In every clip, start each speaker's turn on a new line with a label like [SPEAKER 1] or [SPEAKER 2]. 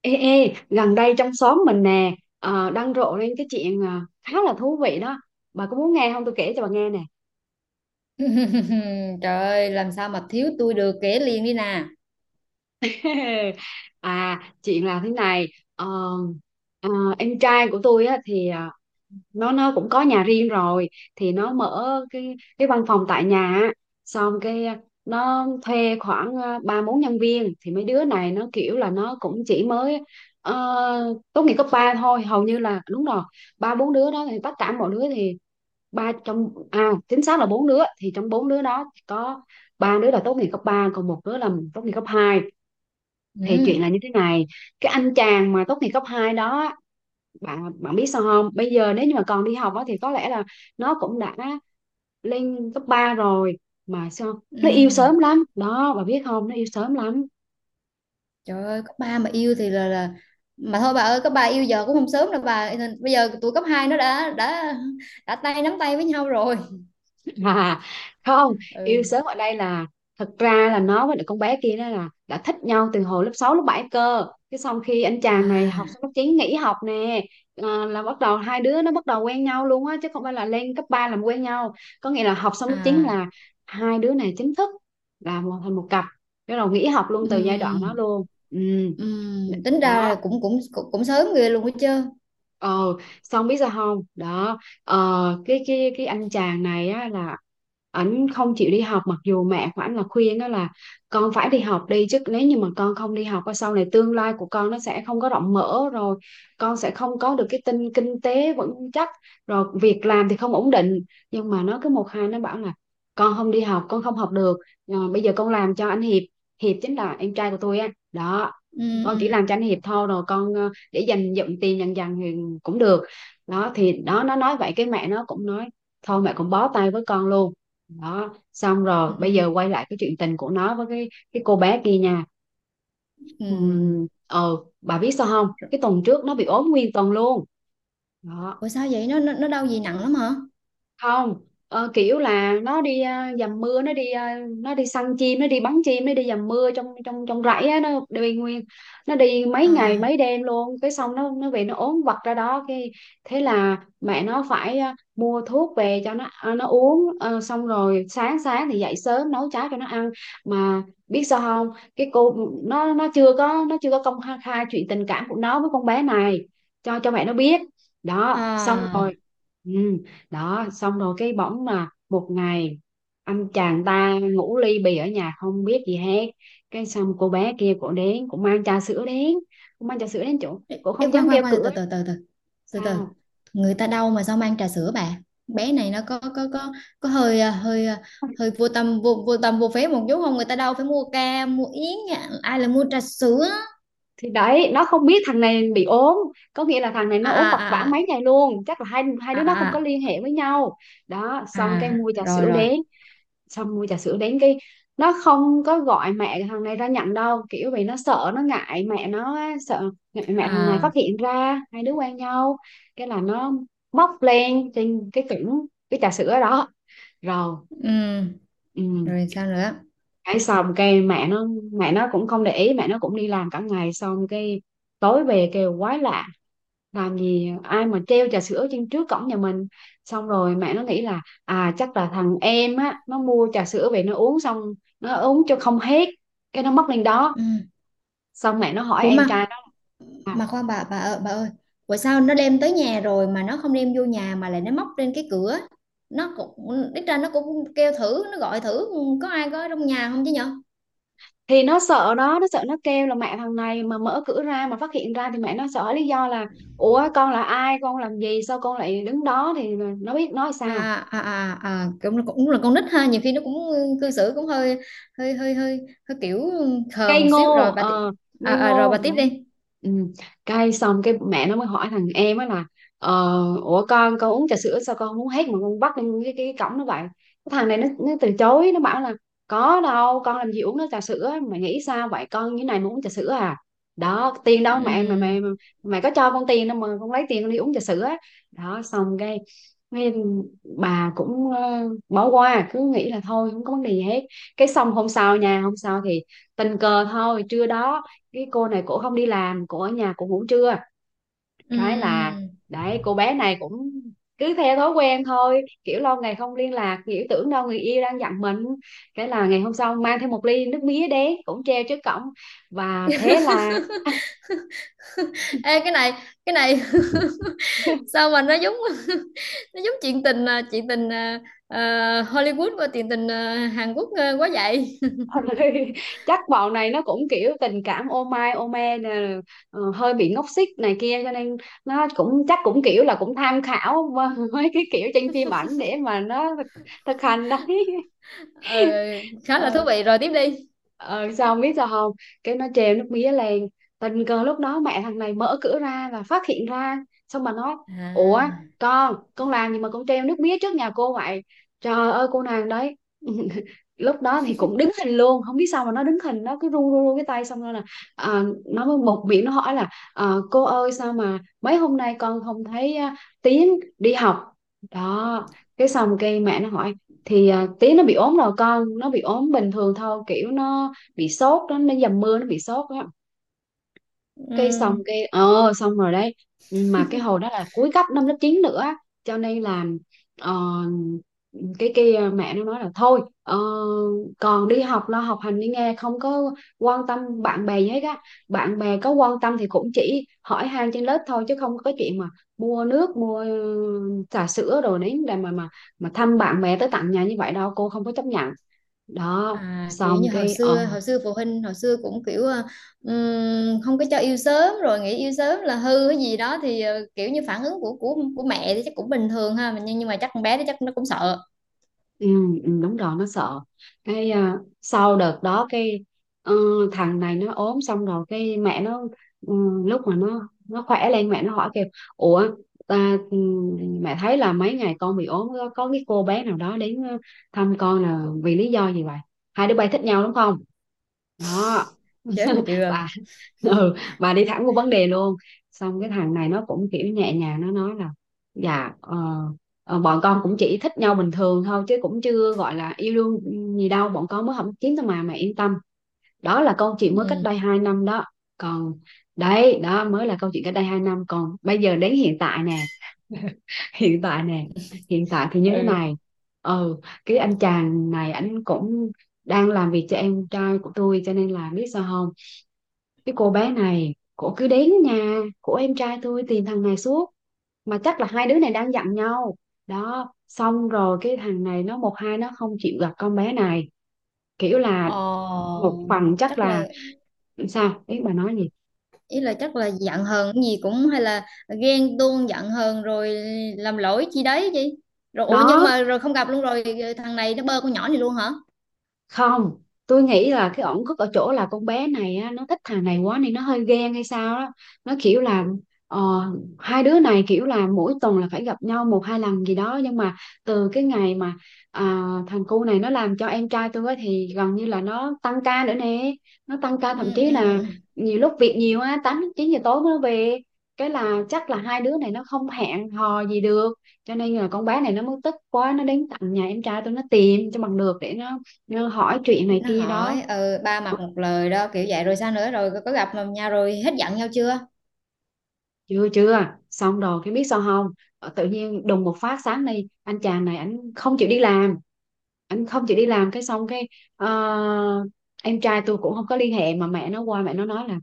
[SPEAKER 1] Ê, gần đây trong xóm mình nè, đang rộ lên cái chuyện, khá là thú vị đó. Bà có muốn nghe không? Tôi kể cho bà nghe nè.
[SPEAKER 2] Trời ơi, làm sao mà thiếu tôi được kể liền đi nè.
[SPEAKER 1] À, chuyện là thế này. ờ, ờ, em trai của tôi á, thì nó cũng có nhà riêng rồi, thì nó mở cái văn phòng tại nhà á. Xong cái nó thuê khoảng ba bốn nhân viên, thì mấy đứa này nó kiểu là nó cũng chỉ mới ờ, tốt nghiệp cấp ba thôi, hầu như là đúng rồi. Ba bốn đứa đó thì tất cả mọi đứa thì ba trong à chính xác là bốn đứa, thì trong bốn đứa đó có ba đứa là tốt nghiệp cấp ba, còn một đứa là tốt nghiệp cấp hai. Thì
[SPEAKER 2] Ừ,
[SPEAKER 1] chuyện là như thế này. Cái anh chàng mà tốt nghiệp cấp 2 đó, bạn bạn biết sao không, bây giờ nếu như mà còn đi học á, thì có lẽ là nó cũng đã lên cấp 3 rồi. Mà sao nó yêu
[SPEAKER 2] ừ.
[SPEAKER 1] sớm lắm đó, bà biết không, nó yêu sớm lắm.
[SPEAKER 2] Trời ơi, cấp 3 mà yêu thì là mà thôi bà ơi, cấp 3 yêu giờ cũng không sớm đâu bà. Bây giờ tụi cấp 2 nó đã tay nắm tay với nhau rồi.
[SPEAKER 1] À, không,
[SPEAKER 2] Ừ.
[SPEAKER 1] yêu sớm ở đây là thật ra là nó với lại con bé kia đó là đã thích nhau từ hồi lớp 6 lớp 7 cơ. Cái xong khi anh chàng này học
[SPEAKER 2] À
[SPEAKER 1] xong lớp 9 nghỉ học nè, à, là bắt đầu hai đứa nó bắt đầu quen nhau luôn á, chứ không phải là lên cấp 3 làm quen nhau. Có nghĩa là học xong lớp 9
[SPEAKER 2] à.
[SPEAKER 1] là hai đứa này chính thức là một thành một cặp. Bắt đầu nghỉ học luôn từ giai đoạn đó
[SPEAKER 2] Ừ.
[SPEAKER 1] luôn. Ừ.
[SPEAKER 2] Ừ. Tính ra là
[SPEAKER 1] Đó.
[SPEAKER 2] cũng sớm ghê luôn á chứ.
[SPEAKER 1] Ờ, xong biết sao không? Đó, cái anh chàng này á là ảnh không chịu đi học, mặc dù mẹ của ảnh là khuyên đó là con phải đi học đi chứ, nếu như mà con không đi học á, sau này tương lai của con nó sẽ không có rộng mở, rồi con sẽ không có được cái tinh kinh tế vững chắc, rồi việc làm thì không ổn định. Nhưng mà nó cứ một hai nó bảo là con không đi học, con không học được. Ờ, bây giờ con làm cho anh Hiệp. Hiệp chính là em trai của tôi á đó.
[SPEAKER 2] Ừ
[SPEAKER 1] Con chỉ
[SPEAKER 2] ừ
[SPEAKER 1] làm cho anh Hiệp thôi, rồi con để dành dụm tiền dần dần thì cũng được. Đó thì đó, nó nói vậy cái mẹ nó cũng nói thôi, mẹ cũng bó tay với con luôn. Đó, xong rồi bây
[SPEAKER 2] ừ.
[SPEAKER 1] giờ quay lại cái chuyện tình của nó với cái cô bé kia nha.
[SPEAKER 2] Ừ.
[SPEAKER 1] Ờ, bà biết sao không, cái tuần trước nó bị ốm nguyên tuần luôn đó.
[SPEAKER 2] Ủa sao vậy? Nó đau gì nặng lắm hả?
[SPEAKER 1] Không, kiểu là nó đi à, dầm mưa, nó đi à, nó đi săn chim, nó đi bắn chim, nó đi dầm mưa trong trong trong rẫy á, nó đi nguyên, nó đi mấy ngày
[SPEAKER 2] À
[SPEAKER 1] mấy đêm luôn, cái xong nó về nó ốm vặt ra đó cái. Thế là mẹ nó phải à, mua thuốc về cho nó à, nó uống. Ờ, xong rồi sáng sáng thì dậy sớm nấu cháo cho nó ăn. Mà biết sao không, cái cô, nó chưa có, nó chưa có công khai khai chuyện tình cảm của nó với con bé này cho mẹ nó biết. Đó xong
[SPEAKER 2] à.
[SPEAKER 1] rồi. Ừ. Đó xong rồi cái bỗng mà một ngày anh chàng ta ngủ ly bì ở nhà không biết gì hết. Cái xong cô bé kia cổ đến cũng mang trà sữa đến, cũng mang trà sữa đến chỗ, cổ
[SPEAKER 2] Ê,
[SPEAKER 1] không
[SPEAKER 2] khoan
[SPEAKER 1] dám
[SPEAKER 2] khoan
[SPEAKER 1] kêu
[SPEAKER 2] khoan
[SPEAKER 1] cửa.
[SPEAKER 2] từ từ
[SPEAKER 1] Sao?
[SPEAKER 2] người ta đau mà sao mang trà sữa bà, bé này nó có hơi hơi hơi vô tâm vô phế một chút không, người ta đâu phải mua ca mua yến nha, ai là mua trà sữa.
[SPEAKER 1] Thì đấy, nó không biết thằng này bị ốm, có nghĩa là thằng này nó
[SPEAKER 2] à
[SPEAKER 1] ốm vật vã
[SPEAKER 2] à à
[SPEAKER 1] mấy ngày luôn, chắc là hai hai
[SPEAKER 2] à
[SPEAKER 1] đứa nó không
[SPEAKER 2] à à
[SPEAKER 1] có
[SPEAKER 2] à,
[SPEAKER 1] liên hệ với nhau. Đó xong cái mua trà
[SPEAKER 2] Rồi
[SPEAKER 1] sữa
[SPEAKER 2] rồi
[SPEAKER 1] đến. Xong mua trà sữa đến, cái nó không có gọi mẹ thằng này ra nhận đâu, kiểu vì nó sợ, nó ngại mẹ nó á, sợ ngại mẹ thằng này phát
[SPEAKER 2] à.
[SPEAKER 1] hiện ra hai đứa quen nhau. Cái là nó bốc lên trên cái cứng cái trà sữa đó rồi.
[SPEAKER 2] ừm,
[SPEAKER 1] Ừ.
[SPEAKER 2] Rồi sao nữa?
[SPEAKER 1] Cái xong cái mẹ nó cũng không để ý, mẹ nó cũng đi làm cả ngày. Xong cái tối về kêu quái lạ, làm gì ai mà treo trà sữa trên trước cổng nhà mình. Xong rồi mẹ nó nghĩ là à, chắc là thằng em á nó mua trà sữa về nó uống xong, nó uống cho không hết, cái nó mất lên đó.
[SPEAKER 2] Ừm.
[SPEAKER 1] Xong mẹ nó hỏi
[SPEAKER 2] ủa
[SPEAKER 1] em
[SPEAKER 2] mà
[SPEAKER 1] trai nó là, à,
[SPEAKER 2] mà khoan bà ơi bà ơi, bữa sao nó đem tới nhà rồi mà nó không đem vô nhà mà lại nó móc lên cái cửa, nó cũng ít ra nó cũng kêu thử nó gọi thử có ai có trong nhà không chứ nhở.
[SPEAKER 1] thì nó sợ đó, nó sợ nó kêu là mẹ thằng này mà mở cửa ra mà phát hiện ra thì mẹ nó sợ lý do là ủa con là ai, con làm gì, sao con lại đứng đó, thì nó biết nói sao.
[SPEAKER 2] Cũng cũng là con nít ha, nhiều khi nó cũng cư xử cũng hơi hơi hơi hơi hơi kiểu khờ
[SPEAKER 1] Cây
[SPEAKER 2] một xíu
[SPEAKER 1] ngô
[SPEAKER 2] rồi bà
[SPEAKER 1] ờ
[SPEAKER 2] à,
[SPEAKER 1] Ngây
[SPEAKER 2] à, rồi
[SPEAKER 1] ngô
[SPEAKER 2] bà tiếp
[SPEAKER 1] đấy.
[SPEAKER 2] đi.
[SPEAKER 1] Ừ. Xong cái mẹ nó mới hỏi thằng em á là, ờ, ủa con uống trà sữa sao con không uống hết mà con bắt lên cái cổng nó vậy. Cái thằng này nó từ chối, nó bảo là có đâu, con làm gì uống nó trà sữa, mày nghĩ sao vậy, con như này mà uống trà sữa à. Đó tiền đâu mẹ mà
[SPEAKER 2] Ừm,
[SPEAKER 1] mày mày, mày có cho con tiền đâu mà con lấy tiền con đi uống trà sữa. Đó xong cái. Cái bà cũng bỏ qua, cứ nghĩ là thôi không có vấn đề gì hết. Cái xong hôm sau nha, hôm sau thì tình cờ thôi, trưa đó cái cô này cổ không đi làm, cổ ở nhà cổ ngủ trưa. Cái là
[SPEAKER 2] ừm.
[SPEAKER 1] đấy cô bé này cũng cứ theo thói quen thôi, kiểu lâu ngày không liên lạc, kiểu tưởng đâu người yêu đang giận mình. Cái là ngày hôm sau mang theo một ly nước mía đến cũng treo trước cổng. Và thế là
[SPEAKER 2] Ê, cái này sao mà nó giống nó giống chuyện tình chuyện tình à, Hollywood và chuyện tình Hàn Quốc quá vậy.
[SPEAKER 1] Ôi, chắc bọn này nó cũng kiểu tình cảm ô mai ô me nè, hơi bị ngốc xích này kia, cho nên nó cũng chắc cũng kiểu là cũng tham khảo mấy cái kiểu trên phim ảnh để mà nó thực hành đấy.
[SPEAKER 2] Ờ, khá là thú
[SPEAKER 1] ờ
[SPEAKER 2] vị rồi, tiếp đi.
[SPEAKER 1] ờ Sao không biết sao không, cái nó treo nước mía lên, tình cờ lúc đó mẹ thằng này mở cửa ra và phát hiện ra. Xong mà nói ủa,
[SPEAKER 2] À.
[SPEAKER 1] con làm gì mà con treo nước mía trước nhà cô vậy. Trời ơi cô nàng đấy lúc đó thì cũng đứng hình luôn, không biết sao mà nó đứng hình, nó cứ run run run cái tay, xong rồi là à, nó mới một miệng nó hỏi là ờ, cô ơi sao mà mấy hôm nay con không thấy à, Tiến đi học. Đó. Cái xong cái mẹ nó hỏi thì à, tí nó bị ốm rồi, con nó bị ốm bình thường thôi kiểu nó bị sốt đó, nó dầm mưa nó bị sốt á. Cái xong
[SPEAKER 2] Ừm.
[SPEAKER 1] cái ờ xong rồi đấy, mà cái hồi đó là cuối cấp năm lớp 9 nữa á. Cho nên là ờ, cái kia mẹ nó nói là thôi ờ, còn đi học lo học hành đi nghe, không có quan tâm bạn bè gì hết á. Bạn bè có quan tâm thì cũng chỉ hỏi han trên lớp thôi, chứ không có chuyện mà mua nước, mua trà sữa đồ đấy để mà thăm bạn bè tới tận nhà như vậy đâu, cô không có chấp nhận. Đó.
[SPEAKER 2] À, kiểu
[SPEAKER 1] Xong
[SPEAKER 2] như hồi
[SPEAKER 1] cái ờ.
[SPEAKER 2] xưa hồi xưa phụ huynh hồi xưa cũng kiểu không có cho yêu sớm rồi nghĩ yêu sớm là hư cái gì đó, thì kiểu như phản ứng của mẹ thì chắc cũng bình thường ha, nhưng mà chắc con bé đó chắc nó cũng sợ
[SPEAKER 1] Ừ, ừ, đúng rồi, nó sợ. Cái à, sau đợt đó cái ờ, thằng này nó ốm xong rồi cái mẹ nó ừ, lúc mà nó khỏe lên mẹ nó hỏi kêu ủa ta, ừ, mẹ thấy là mấy ngày con bị ốm có cái cô bé nào đó đến ờ, thăm con là vì lý do gì vậy, hai đứa bay thích nhau đúng không. Đó.
[SPEAKER 2] chết mà chưa.
[SPEAKER 1] Bà. Ừ, bà đi thẳng vô vấn đề luôn. Xong cái thằng này nó cũng kiểu nhẹ nhàng nó nói là dạ ờ, Ờ, bọn con cũng chỉ thích nhau bình thường thôi chứ cũng chưa gọi là yêu đương gì đâu, bọn con mới không kiếm thôi mà mẹ yên tâm. Đó là câu chuyện mới cách
[SPEAKER 2] ừ
[SPEAKER 1] đây 2 năm đó. Còn đấy đó mới là câu chuyện cách đây 2 năm, còn bây giờ đến hiện tại nè hiện tại nè, hiện tại thì như thế
[SPEAKER 2] ừ
[SPEAKER 1] này. Ừ. Cái anh chàng này anh cũng đang làm việc cho em trai của tôi, cho nên là biết sao không, cái cô bé này cổ cứ đến nhà của em trai tôi tìm thằng này suốt. Mà chắc là hai đứa này đang giận nhau. Đó xong rồi cái thằng này nó một hai nó Không chịu gặp con bé này. Kiểu là
[SPEAKER 2] ờ,
[SPEAKER 1] Một phần chắc
[SPEAKER 2] Chắc
[SPEAKER 1] là...
[SPEAKER 2] là,
[SPEAKER 1] Sao ý, bà nói gì
[SPEAKER 2] ý là chắc là giận hờn cái gì, cũng hay là ghen tuông giận hờn rồi làm lỗi chi đấy chị. Rồi ủa nhưng
[SPEAKER 1] đó?
[SPEAKER 2] mà rồi không gặp luôn rồi, thằng này nó bơ con nhỏ này luôn hả?
[SPEAKER 1] Không, tôi nghĩ là cái ổn khúc ở chỗ là con bé này á, nó thích thằng này quá nên nó hơi ghen hay sao đó. Nó kiểu là ờ, Hai đứa này kiểu là mỗi tuần là phải gặp nhau một hai lần gì đó, nhưng mà từ cái ngày mà à, thằng cu này nó làm cho em trai tôi á, thì gần như là nó tăng ca nữa nè. Nó tăng ca
[SPEAKER 2] ừ,
[SPEAKER 1] thậm chí
[SPEAKER 2] ừ,
[SPEAKER 1] là
[SPEAKER 2] ừ.
[SPEAKER 1] nhiều lúc việc nhiều á, tám chín giờ tối mới về. Cái là chắc là hai đứa này nó không hẹn hò gì được, cho nên là con bé này nó muốn tức quá, nó đến tận nhà em trai tôi, nó tìm cho bằng được để nó như hỏi chuyện này
[SPEAKER 2] Nó
[SPEAKER 1] kia đó.
[SPEAKER 2] hỏi ba
[SPEAKER 1] Ờ,
[SPEAKER 2] mặt một lời đó kiểu vậy, rồi sao nữa, rồi có gặp mà nhau rồi hết giận nhau chưa?
[SPEAKER 1] chưa chưa, xong rồi cái biết sao không? Tự nhiên đùng một phát, sáng nay anh chàng này anh không chịu đi làm. Anh không chịu đi làm, cái xong cái ờ, em trai tôi cũng không có liên hệ, mà mẹ nó qua, mẹ nó nói là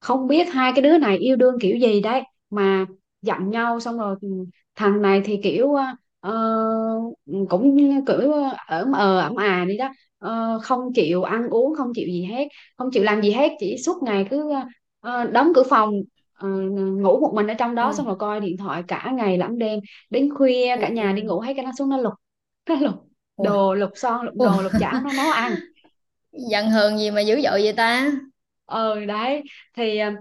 [SPEAKER 1] không biết hai cái đứa này yêu đương kiểu gì đấy mà giận nhau. Xong rồi ừ, thằng này thì kiểu ờ, cũng kiểu ở ẩm à đi đó. Ờ, không chịu ăn uống, không chịu gì hết, không chịu làm gì hết, chỉ suốt ngày cứ đóng cửa phòng, ờ, ngủ một mình ở trong đó, xong
[SPEAKER 2] Ui.
[SPEAKER 1] rồi coi điện thoại cả ngày lẫn đêm. Đến khuya cả nhà đi
[SPEAKER 2] Ui.
[SPEAKER 1] ngủ hết, cái nó xuống nó lục, nó lục
[SPEAKER 2] Ui.
[SPEAKER 1] đồ, lục son, lục
[SPEAKER 2] Ui,
[SPEAKER 1] nồi, lục chảo, nó nấu ăn.
[SPEAKER 2] giận hờn gì mà dữ dội vậy ta.
[SPEAKER 1] Ờ đấy, thì ờ,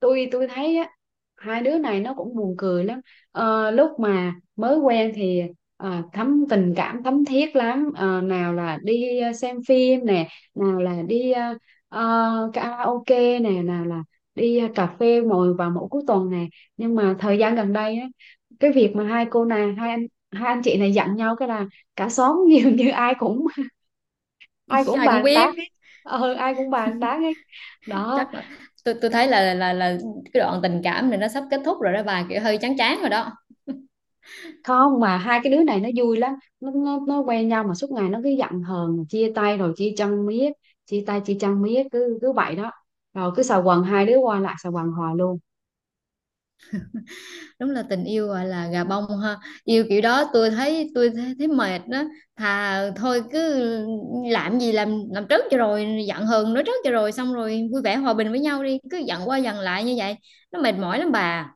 [SPEAKER 1] tôi thấy á, hai đứa này nó cũng buồn cười lắm. Ờ, lúc mà mới quen thì thấm tình cảm thấm thiết lắm. Ờ, nào là đi xem phim nè, nào là đi karaoke nè, nào là đi cà phê ngồi vào mỗi cuối tuần nè. Nhưng mà thời gian gần đây á, cái việc mà hai cô này hai anh chị này giận nhau, cái là cả xóm dường như ai cũng
[SPEAKER 2] Ai cũng
[SPEAKER 1] bàn tán hết.
[SPEAKER 2] biết.
[SPEAKER 1] Ờ, ai cũng bàn tán hết đó.
[SPEAKER 2] Chắc là, tôi thấy là cái đoạn tình cảm này nó sắp kết thúc rồi đó bà, kiểu hơi chán chán rồi đó.
[SPEAKER 1] Không, mà hai cái đứa này nó vui lắm. Nó quen nhau mà suốt ngày nó cứ giận hờn, chia tay rồi chia chân miết. Chia tay chia chân miết, cứ cứ vậy đó. Rồi cứ xà quần, hai đứa qua lại xà quần hoài luôn.
[SPEAKER 2] Đúng là tình yêu gọi là gà bông ha, yêu kiểu đó tôi thấy, thấy mệt đó. Thà thôi cứ làm gì làm trước cho rồi, giận hờn nói trước cho rồi, xong rồi vui vẻ hòa bình với nhau đi, cứ giận qua giận lại như vậy nó mệt mỏi lắm bà.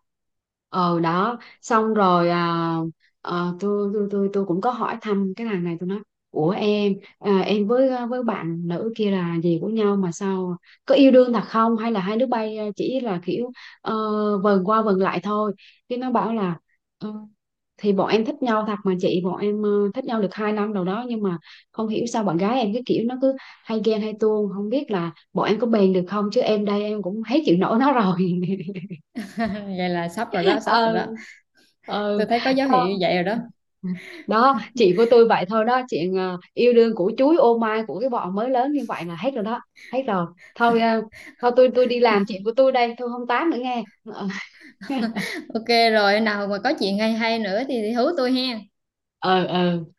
[SPEAKER 1] Ờ đó xong rồi à, ờ, Tôi cũng có hỏi thăm cái thằng này. Tôi nói, ủa em, em với với bạn nữ kia là gì của nhau mà sao? Có yêu đương thật không, hay là hai đứa bay chỉ là kiểu ờ, vần qua vần lại thôi? Cái nó bảo là: "Ờ, thì bọn em thích nhau thật mà chị, bọn em thích nhau được hai năm đầu đó, nhưng mà không hiểu sao bạn gái em cái kiểu nó cứ hay ghen hay tuông. Không biết là bọn em có bền được không, chứ em đây em cũng hết chịu nổi nó rồi."
[SPEAKER 2] Vậy là sắp rồi đó, sắp rồi
[SPEAKER 1] ờ
[SPEAKER 2] đó,
[SPEAKER 1] ờ
[SPEAKER 2] tôi thấy có dấu hiệu
[SPEAKER 1] Thôi,
[SPEAKER 2] như vậy rồi đó.
[SPEAKER 1] đó chị của tôi, vậy thôi đó, chuyện yêu đương của chuối ô mai của cái bọn mới lớn như vậy là hết rồi đó. Hết rồi. Thôi ờ, thôi tôi đi làm chuyện của tôi đây, tôi không tám nữa nghe. Ờ.
[SPEAKER 2] OK rồi, nào mà có chuyện hay hay nữa thì hú tôi hen.
[SPEAKER 1] Ừ, ừ.